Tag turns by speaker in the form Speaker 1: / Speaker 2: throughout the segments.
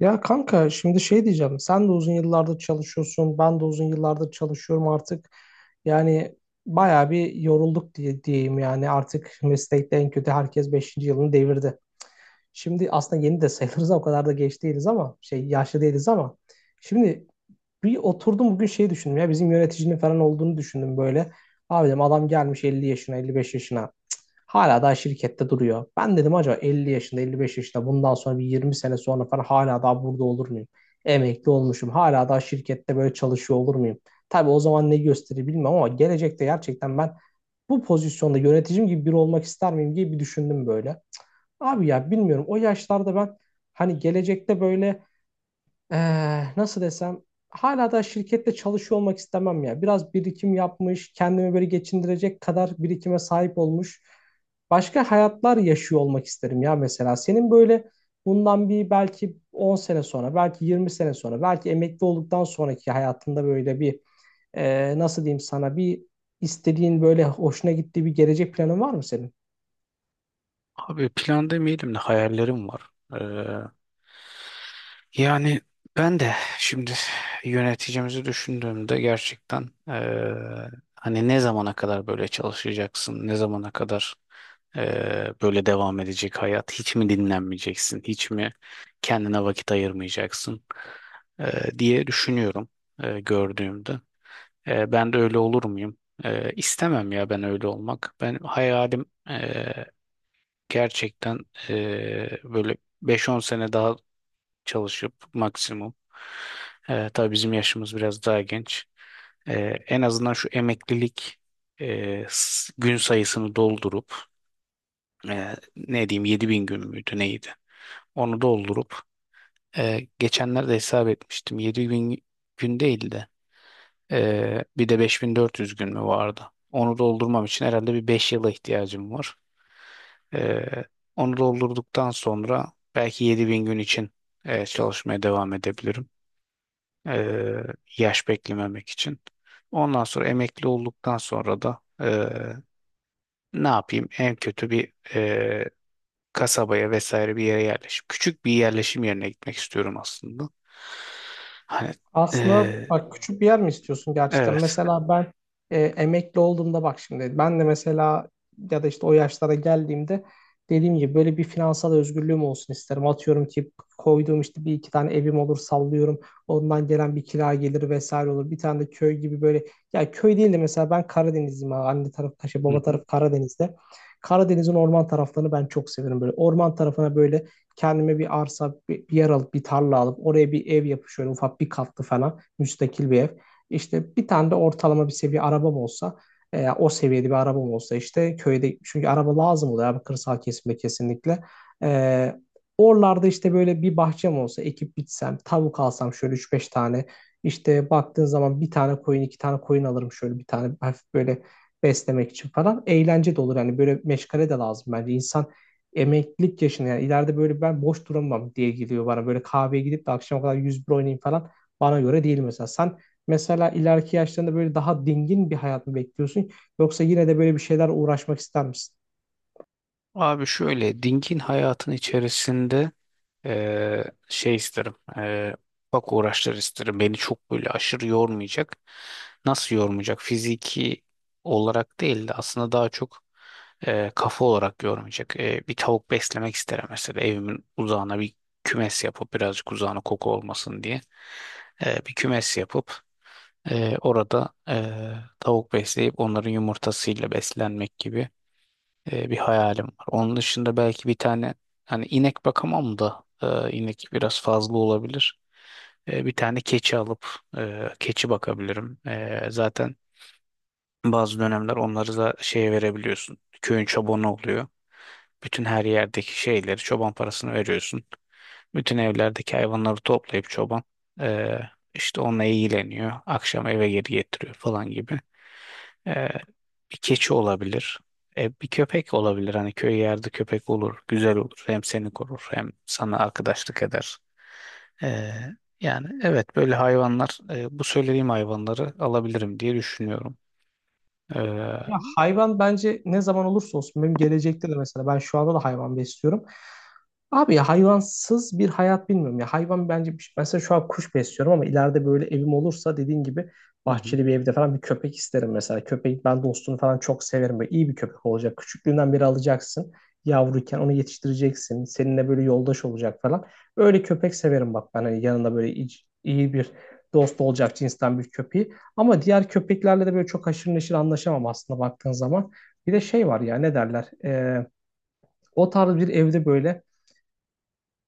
Speaker 1: Ya kanka şimdi şey diyeceğim. Sen de uzun yıllardır çalışıyorsun. Ben de uzun yıllardır çalışıyorum artık. Yani bayağı bir yorulduk diye diyeyim yani. Artık meslekte en kötü herkes beşinci yılını devirdi. Şimdi aslında yeni de sayılırız ama o kadar da geç değiliz ama şey yaşlı değiliz ama. Şimdi bir oturdum bugün şey düşündüm ya bizim yöneticinin falan olduğunu düşündüm böyle. Abi dedim adam gelmiş 50 yaşına 55 yaşına. Hala daha şirkette duruyor. Ben dedim acaba 50 yaşında, 55 yaşında bundan sonra bir 20 sene sonra falan hala daha burada olur muyum? Emekli olmuşum. Hala daha şirkette böyle çalışıyor olur muyum? Tabii o zaman ne gösterir bilmem ama gelecekte gerçekten ben bu pozisyonda yöneticim gibi biri olmak ister miyim diye bir düşündüm böyle. Abi ya bilmiyorum o yaşlarda ben hani gelecekte böyle nasıl desem hala da şirkette çalışıyor olmak istemem ya. Biraz birikim yapmış, kendimi böyle geçindirecek kadar birikime sahip olmuş. Başka hayatlar yaşıyor olmak isterim ya mesela. Senin böyle bundan bir belki 10 sene sonra, belki 20 sene sonra, belki emekli olduktan sonraki hayatında böyle bir nasıl diyeyim sana bir istediğin böyle hoşuna gittiği bir gelecek planın var mı senin?
Speaker 2: Abi plan demeyelim de hayallerim var. Ee, yani ben de şimdi yöneticimizi düşündüğümde gerçekten hani ne zamana kadar böyle çalışacaksın, ne zamana kadar böyle devam edecek hayat, hiç mi dinlenmeyeceksin, hiç mi kendine vakit ayırmayacaksın diye düşünüyorum gördüğümde. Ben de öyle olur muyum? İstemem ya ben öyle olmak. Ben hayalim gerçekten böyle 5-10 sene daha çalışıp maksimum. Tabii bizim yaşımız biraz daha genç. En azından şu emeklilik gün sayısını doldurup ne diyeyim 7.000 gün müydü neydi? Onu doldurup geçenlerde hesap etmiştim. Yedi bin gün değil de bir de 5.400 gün mü vardı? Onu doldurmam için herhalde bir 5 yıla ihtiyacım var. Ee, Onu doldurduktan sonra belki 7.000 gün için çalışmaya devam edebilirim. Ee, Yaş beklememek için. Ondan sonra emekli olduktan sonra da ne yapayım? En kötü bir kasabaya vesaire bir yere yerleşim. Küçük bir yerleşim yerine gitmek istiyorum aslında. Hani
Speaker 1: Aslında
Speaker 2: e,
Speaker 1: bak küçük bir yer mi istiyorsun gerçekten?
Speaker 2: evet.
Speaker 1: Mesela ben emekli olduğumda bak şimdi ben de mesela ya da işte o yaşlara geldiğimde dediğim gibi böyle bir finansal özgürlüğüm olsun isterim. Atıyorum ki koyduğum işte bir iki tane evim olur sallıyorum. Ondan gelen bir kira gelir vesaire olur. Bir tane de köy gibi böyle ya köy değil de mesela ben Karadenizliyim, abi. Anne tarafı Kaşa,
Speaker 2: Hı
Speaker 1: baba
Speaker 2: hı.
Speaker 1: tarafı Karadeniz'de. Karadeniz'in orman taraflarını ben çok severim böyle. Orman tarafına böyle kendime bir arsa, bir yer alıp bir tarla alıp oraya bir ev yapıp şöyle ufak bir katlı falan müstakil bir ev. İşte bir tane de ortalama bir seviye arabam olsa, o seviyede bir arabam olsa işte köyde çünkü araba lazım oluyor abi kırsal kesimde kesinlikle. E, oralarda işte böyle bir bahçem olsa ekip bitsem tavuk alsam şöyle üç beş tane, işte baktığın zaman bir tane koyun iki tane koyun alırım şöyle bir tane hafif böyle beslemek için falan, eğlence de olur yani, böyle meşgale de lazım bence insan emeklilik yaşında yani ileride, böyle ben boş duramam diye geliyor bana. Böyle kahveye gidip de akşama kadar 101 oynayayım falan bana göre değil mesela. Sen mesela ileriki yaşlarında böyle daha dingin bir hayat mı bekliyorsun yoksa yine de böyle bir şeyler uğraşmak ister misin?
Speaker 2: Abi şöyle dingin hayatın içerisinde şey isterim. Bak uğraşlar isterim. Beni çok böyle aşırı yormayacak. Nasıl yormayacak? Fiziki olarak değil de aslında daha çok kafa olarak yormayacak. Bir tavuk beslemek isterim mesela. Evimin uzağına bir kümes yapıp birazcık uzağına koku olmasın diye. Bir kümes yapıp orada tavuk besleyip onların yumurtasıyla beslenmek gibi bir hayalim var. Onun dışında belki bir tane hani inek bakamam da inek biraz fazla olabilir. Bir tane keçi alıp keçi bakabilirim. Zaten bazı dönemler onları da şeye verebiliyorsun. Köyün çobanı oluyor. Bütün her yerdeki şeyleri çoban parasını veriyorsun. Bütün evlerdeki hayvanları toplayıp çoban e, işte onunla ilgileniyor. Akşam eve geri getiriyor falan gibi. Ee, Bir keçi olabilir. Bir köpek olabilir. Hani köy yerde köpek olur. Güzel olur. Hem seni korur hem sana arkadaşlık eder. Ee, Yani evet böyle hayvanlar bu söylediğim hayvanları alabilirim diye düşünüyorum.
Speaker 1: Ya
Speaker 2: Hı
Speaker 1: hayvan bence ne zaman olursa olsun benim gelecekte de, mesela ben şu anda da hayvan besliyorum. Abi ya hayvansız bir hayat bilmiyorum ya. Hayvan bence, mesela şu an kuş besliyorum ama ileride böyle evim olursa dediğin gibi
Speaker 2: hı.
Speaker 1: bahçeli bir evde falan bir köpek isterim mesela. Köpeği, ben dostunu falan çok severim. Böyle iyi bir köpek olacak. Küçüklüğünden beri alacaksın. Yavruyken onu yetiştireceksin. Seninle böyle yoldaş olacak falan. Öyle köpek severim bak ben. Hani yanında böyle iyi bir dost olacak cinsten bir köpeği. Ama diğer köpeklerle de böyle çok haşır neşir anlaşamam aslında baktığın zaman. Bir de şey var ya, ne derler? O tarz bir evde böyle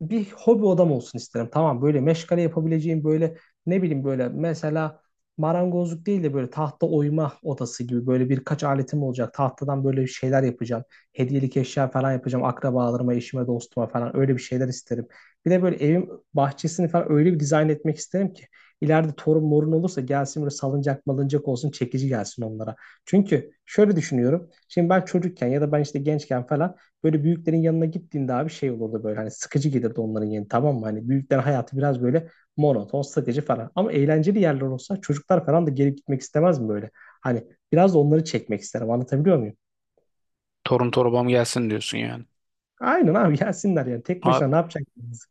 Speaker 1: bir hobi odam olsun isterim. Tamam, böyle meşgale yapabileceğim, böyle ne bileyim, böyle mesela marangozluk değil de böyle tahta oyma odası gibi, böyle birkaç aletim olacak. Tahtadan böyle bir şeyler yapacağım. Hediyelik eşya falan yapacağım. Akrabalarıma, eşime, dostuma falan, öyle bir şeyler isterim. Bir de böyle evim, bahçesini falan öyle bir dizayn etmek isterim ki ileride torun morun olursa gelsin, böyle salıncak malıncak olsun, çekici gelsin onlara. Çünkü şöyle düşünüyorum. Şimdi ben çocukken ya da ben işte gençken falan böyle büyüklerin yanına gittiğinde abi şey olurdu, böyle hani sıkıcı gelirdi onların yeri, tamam mı? Hani büyüklerin hayatı biraz böyle monoton, sıkıcı falan. Ama eğlenceli yerler olsa çocuklar falan da gelip gitmek istemez mi böyle? Hani biraz da onları çekmek isterim, anlatabiliyor muyum?
Speaker 2: Torun torbam gelsin diyorsun yani.
Speaker 1: Aynen abi, gelsinler yani, tek
Speaker 2: Abi,
Speaker 1: başına ne yapacak?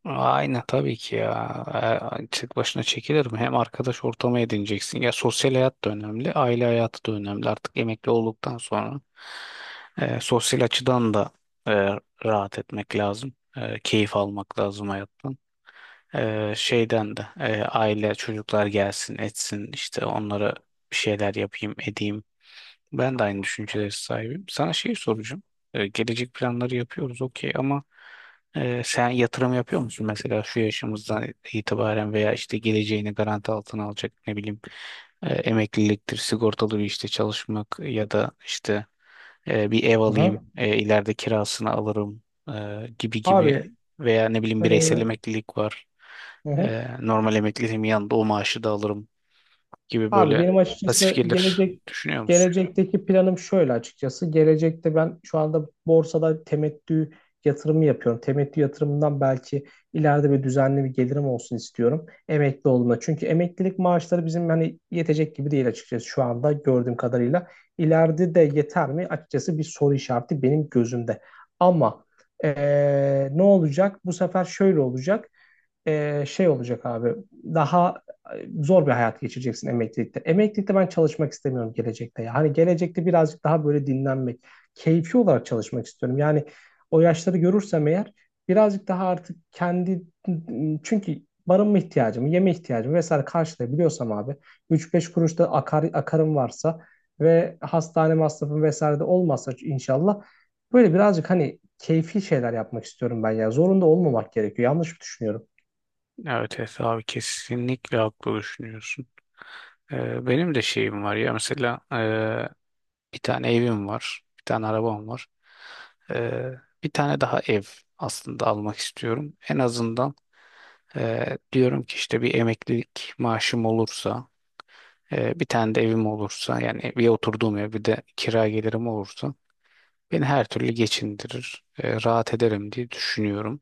Speaker 2: aynen tabii ki ya. Tek başına çekilir mi? Hem arkadaş ortamı edineceksin. Ya sosyal hayat da önemli, aile hayatı da önemli. Artık emekli olduktan sonra sosyal açıdan da e, rahat etmek lazım. Keyif almak lazım hayattan. Şeyden de aile çocuklar gelsin etsin işte onlara bir şeyler yapayım edeyim ben de aynı düşüncelere sahibim. Sana şey soracağım. Gelecek planları yapıyoruz okey ama sen yatırım yapıyor musun? Mesela şu yaşımızdan itibaren veya işte geleceğini garanti altına alacak ne bileyim emekliliktir, sigortalı bir işte çalışmak ya da işte bir ev
Speaker 1: Aha.
Speaker 2: alayım, ileride kirasını alırım gibi
Speaker 1: Abi,
Speaker 2: gibi veya ne bileyim bireysel
Speaker 1: e,
Speaker 2: emeklilik var.
Speaker 1: hı,
Speaker 2: Normal emekliliğimin yanında o maaşı da alırım gibi
Speaker 1: abi
Speaker 2: böyle
Speaker 1: benim
Speaker 2: pasif
Speaker 1: açıkçası
Speaker 2: gelir düşünüyor musun?
Speaker 1: gelecekteki planım şöyle açıkçası. Gelecekte ben şu anda borsada temettü yatırımı yapıyorum. Temettü yatırımından belki ileride bir düzenli bir gelirim olsun istiyorum. Emekli olduğumda. Çünkü emeklilik maaşları bizim hani yetecek gibi değil açıkçası şu anda gördüğüm kadarıyla. İleride de yeter mi? Açıkçası bir soru işareti benim gözümde. Ama ne olacak? Bu sefer şöyle olacak, şey olacak abi. Daha zor bir hayat geçireceksin emeklilikte. Emeklilikte ben çalışmak istemiyorum gelecekte ya. Hani gelecekte birazcık daha böyle dinlenmek, keyfi olarak çalışmak istiyorum. Yani o yaşları görürsem eğer birazcık daha artık kendi, çünkü barınma ihtiyacımı, yeme ihtiyacımı vesaire karşılayabiliyorsam abi üç beş kuruş da akar, akarım varsa ve hastane masrafım vesaire de olmazsa inşallah böyle birazcık hani keyfi şeyler yapmak istiyorum ben ya. Zorunda olmamak gerekiyor. Yanlış mı düşünüyorum?
Speaker 2: Evet Efe abi kesinlikle haklı düşünüyorsun. Benim de şeyim var ya mesela bir tane evim var, bir tane arabam var. Ee, Bir tane daha ev aslında almak istiyorum. En azından diyorum ki işte bir emeklilik maaşım olursa, bir tane de evim olursa yani bir oturduğum ev bir de kira gelirim olursa beni her türlü geçindirir, rahat ederim diye düşünüyorum.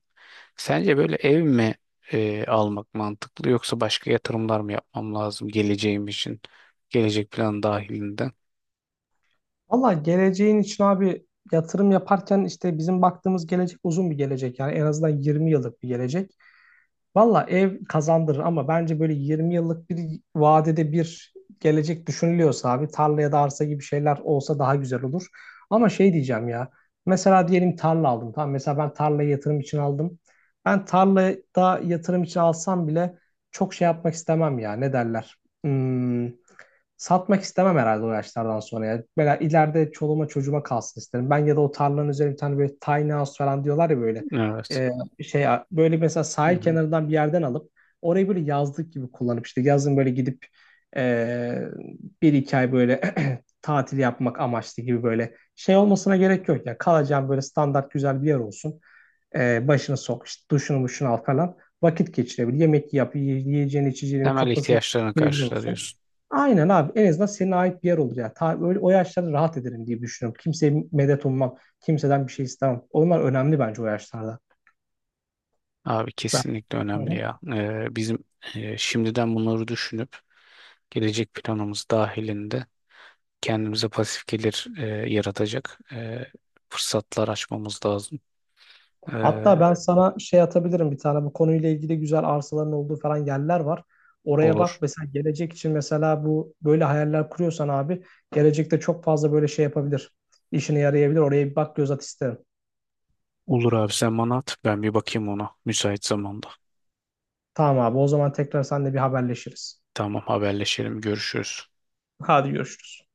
Speaker 2: Sence böyle ev mi almak mantıklı yoksa başka yatırımlar mı yapmam lazım geleceğim için? Gelecek planı dahilinde.
Speaker 1: Valla geleceğin için abi yatırım yaparken işte bizim baktığımız gelecek uzun bir gelecek. Yani en azından 20 yıllık bir gelecek. Valla ev kazandırır ama bence böyle 20 yıllık bir vadede bir gelecek düşünülüyorsa abi tarla ya da arsa gibi şeyler olsa daha güzel olur. Ama şey diyeceğim ya, mesela diyelim tarla aldım, tamam, mesela ben tarlayı yatırım için aldım. Ben tarlada yatırım için alsam bile çok şey yapmak istemem ya, ne derler. Hmm, satmak istemem herhalde o yaşlardan sonra ya. Mesela ileride çoluğuma çocuğuma kalsın isterim. Ben ya da o tarlanın üzerine bir tane böyle tiny house falan diyorlar ya böyle.
Speaker 2: Evet.
Speaker 1: Ee, şey böyle mesela
Speaker 2: Hı
Speaker 1: sahil
Speaker 2: hı.
Speaker 1: kenarından bir yerden alıp orayı böyle yazlık gibi kullanıp işte yazın böyle gidip e, bir iki ay böyle tatil yapmak amaçlı, gibi böyle şey olmasına gerek yok ya, kalacağın böyle standart güzel bir yer olsun. E, başını sok işte, duşunu muşunu al falan, vakit geçirebilir, yemek yap, yiyeceğini içeceğini,
Speaker 2: Temel
Speaker 1: kapısına
Speaker 2: ihtiyaçlarını
Speaker 1: kilitli
Speaker 2: karşıla
Speaker 1: olsun.
Speaker 2: diyorsun.
Speaker 1: Aynen abi, en azından senin ait bir yer olur ya. Ta, öyle, o yaşlarda rahat ederim diye düşünüyorum. Kimseye medet ummam. Kimseden bir şey istemem. Onlar önemli bence o yaşlarda.
Speaker 2: Abi kesinlikle önemli
Speaker 1: Ben.
Speaker 2: ya. Bizim şimdiden bunları düşünüp gelecek planımız dahilinde kendimize pasif gelir yaratacak fırsatlar açmamız lazım. E,
Speaker 1: Hatta ben sana şey atabilirim, bir tane bu konuyla ilgili güzel arsaların olduğu falan yerler var. Oraya bak
Speaker 2: olur.
Speaker 1: mesela, gelecek için, mesela bu böyle hayaller kuruyorsan abi gelecekte çok fazla böyle şey yapabilir. İşine yarayabilir. Oraya bir bak, göz at isterim.
Speaker 2: Olur abi sen bana at ben bir bakayım ona müsait zamanda.
Speaker 1: Tamam abi, o zaman tekrar seninle bir haberleşiriz.
Speaker 2: Tamam haberleşelim görüşürüz.
Speaker 1: Hadi görüşürüz.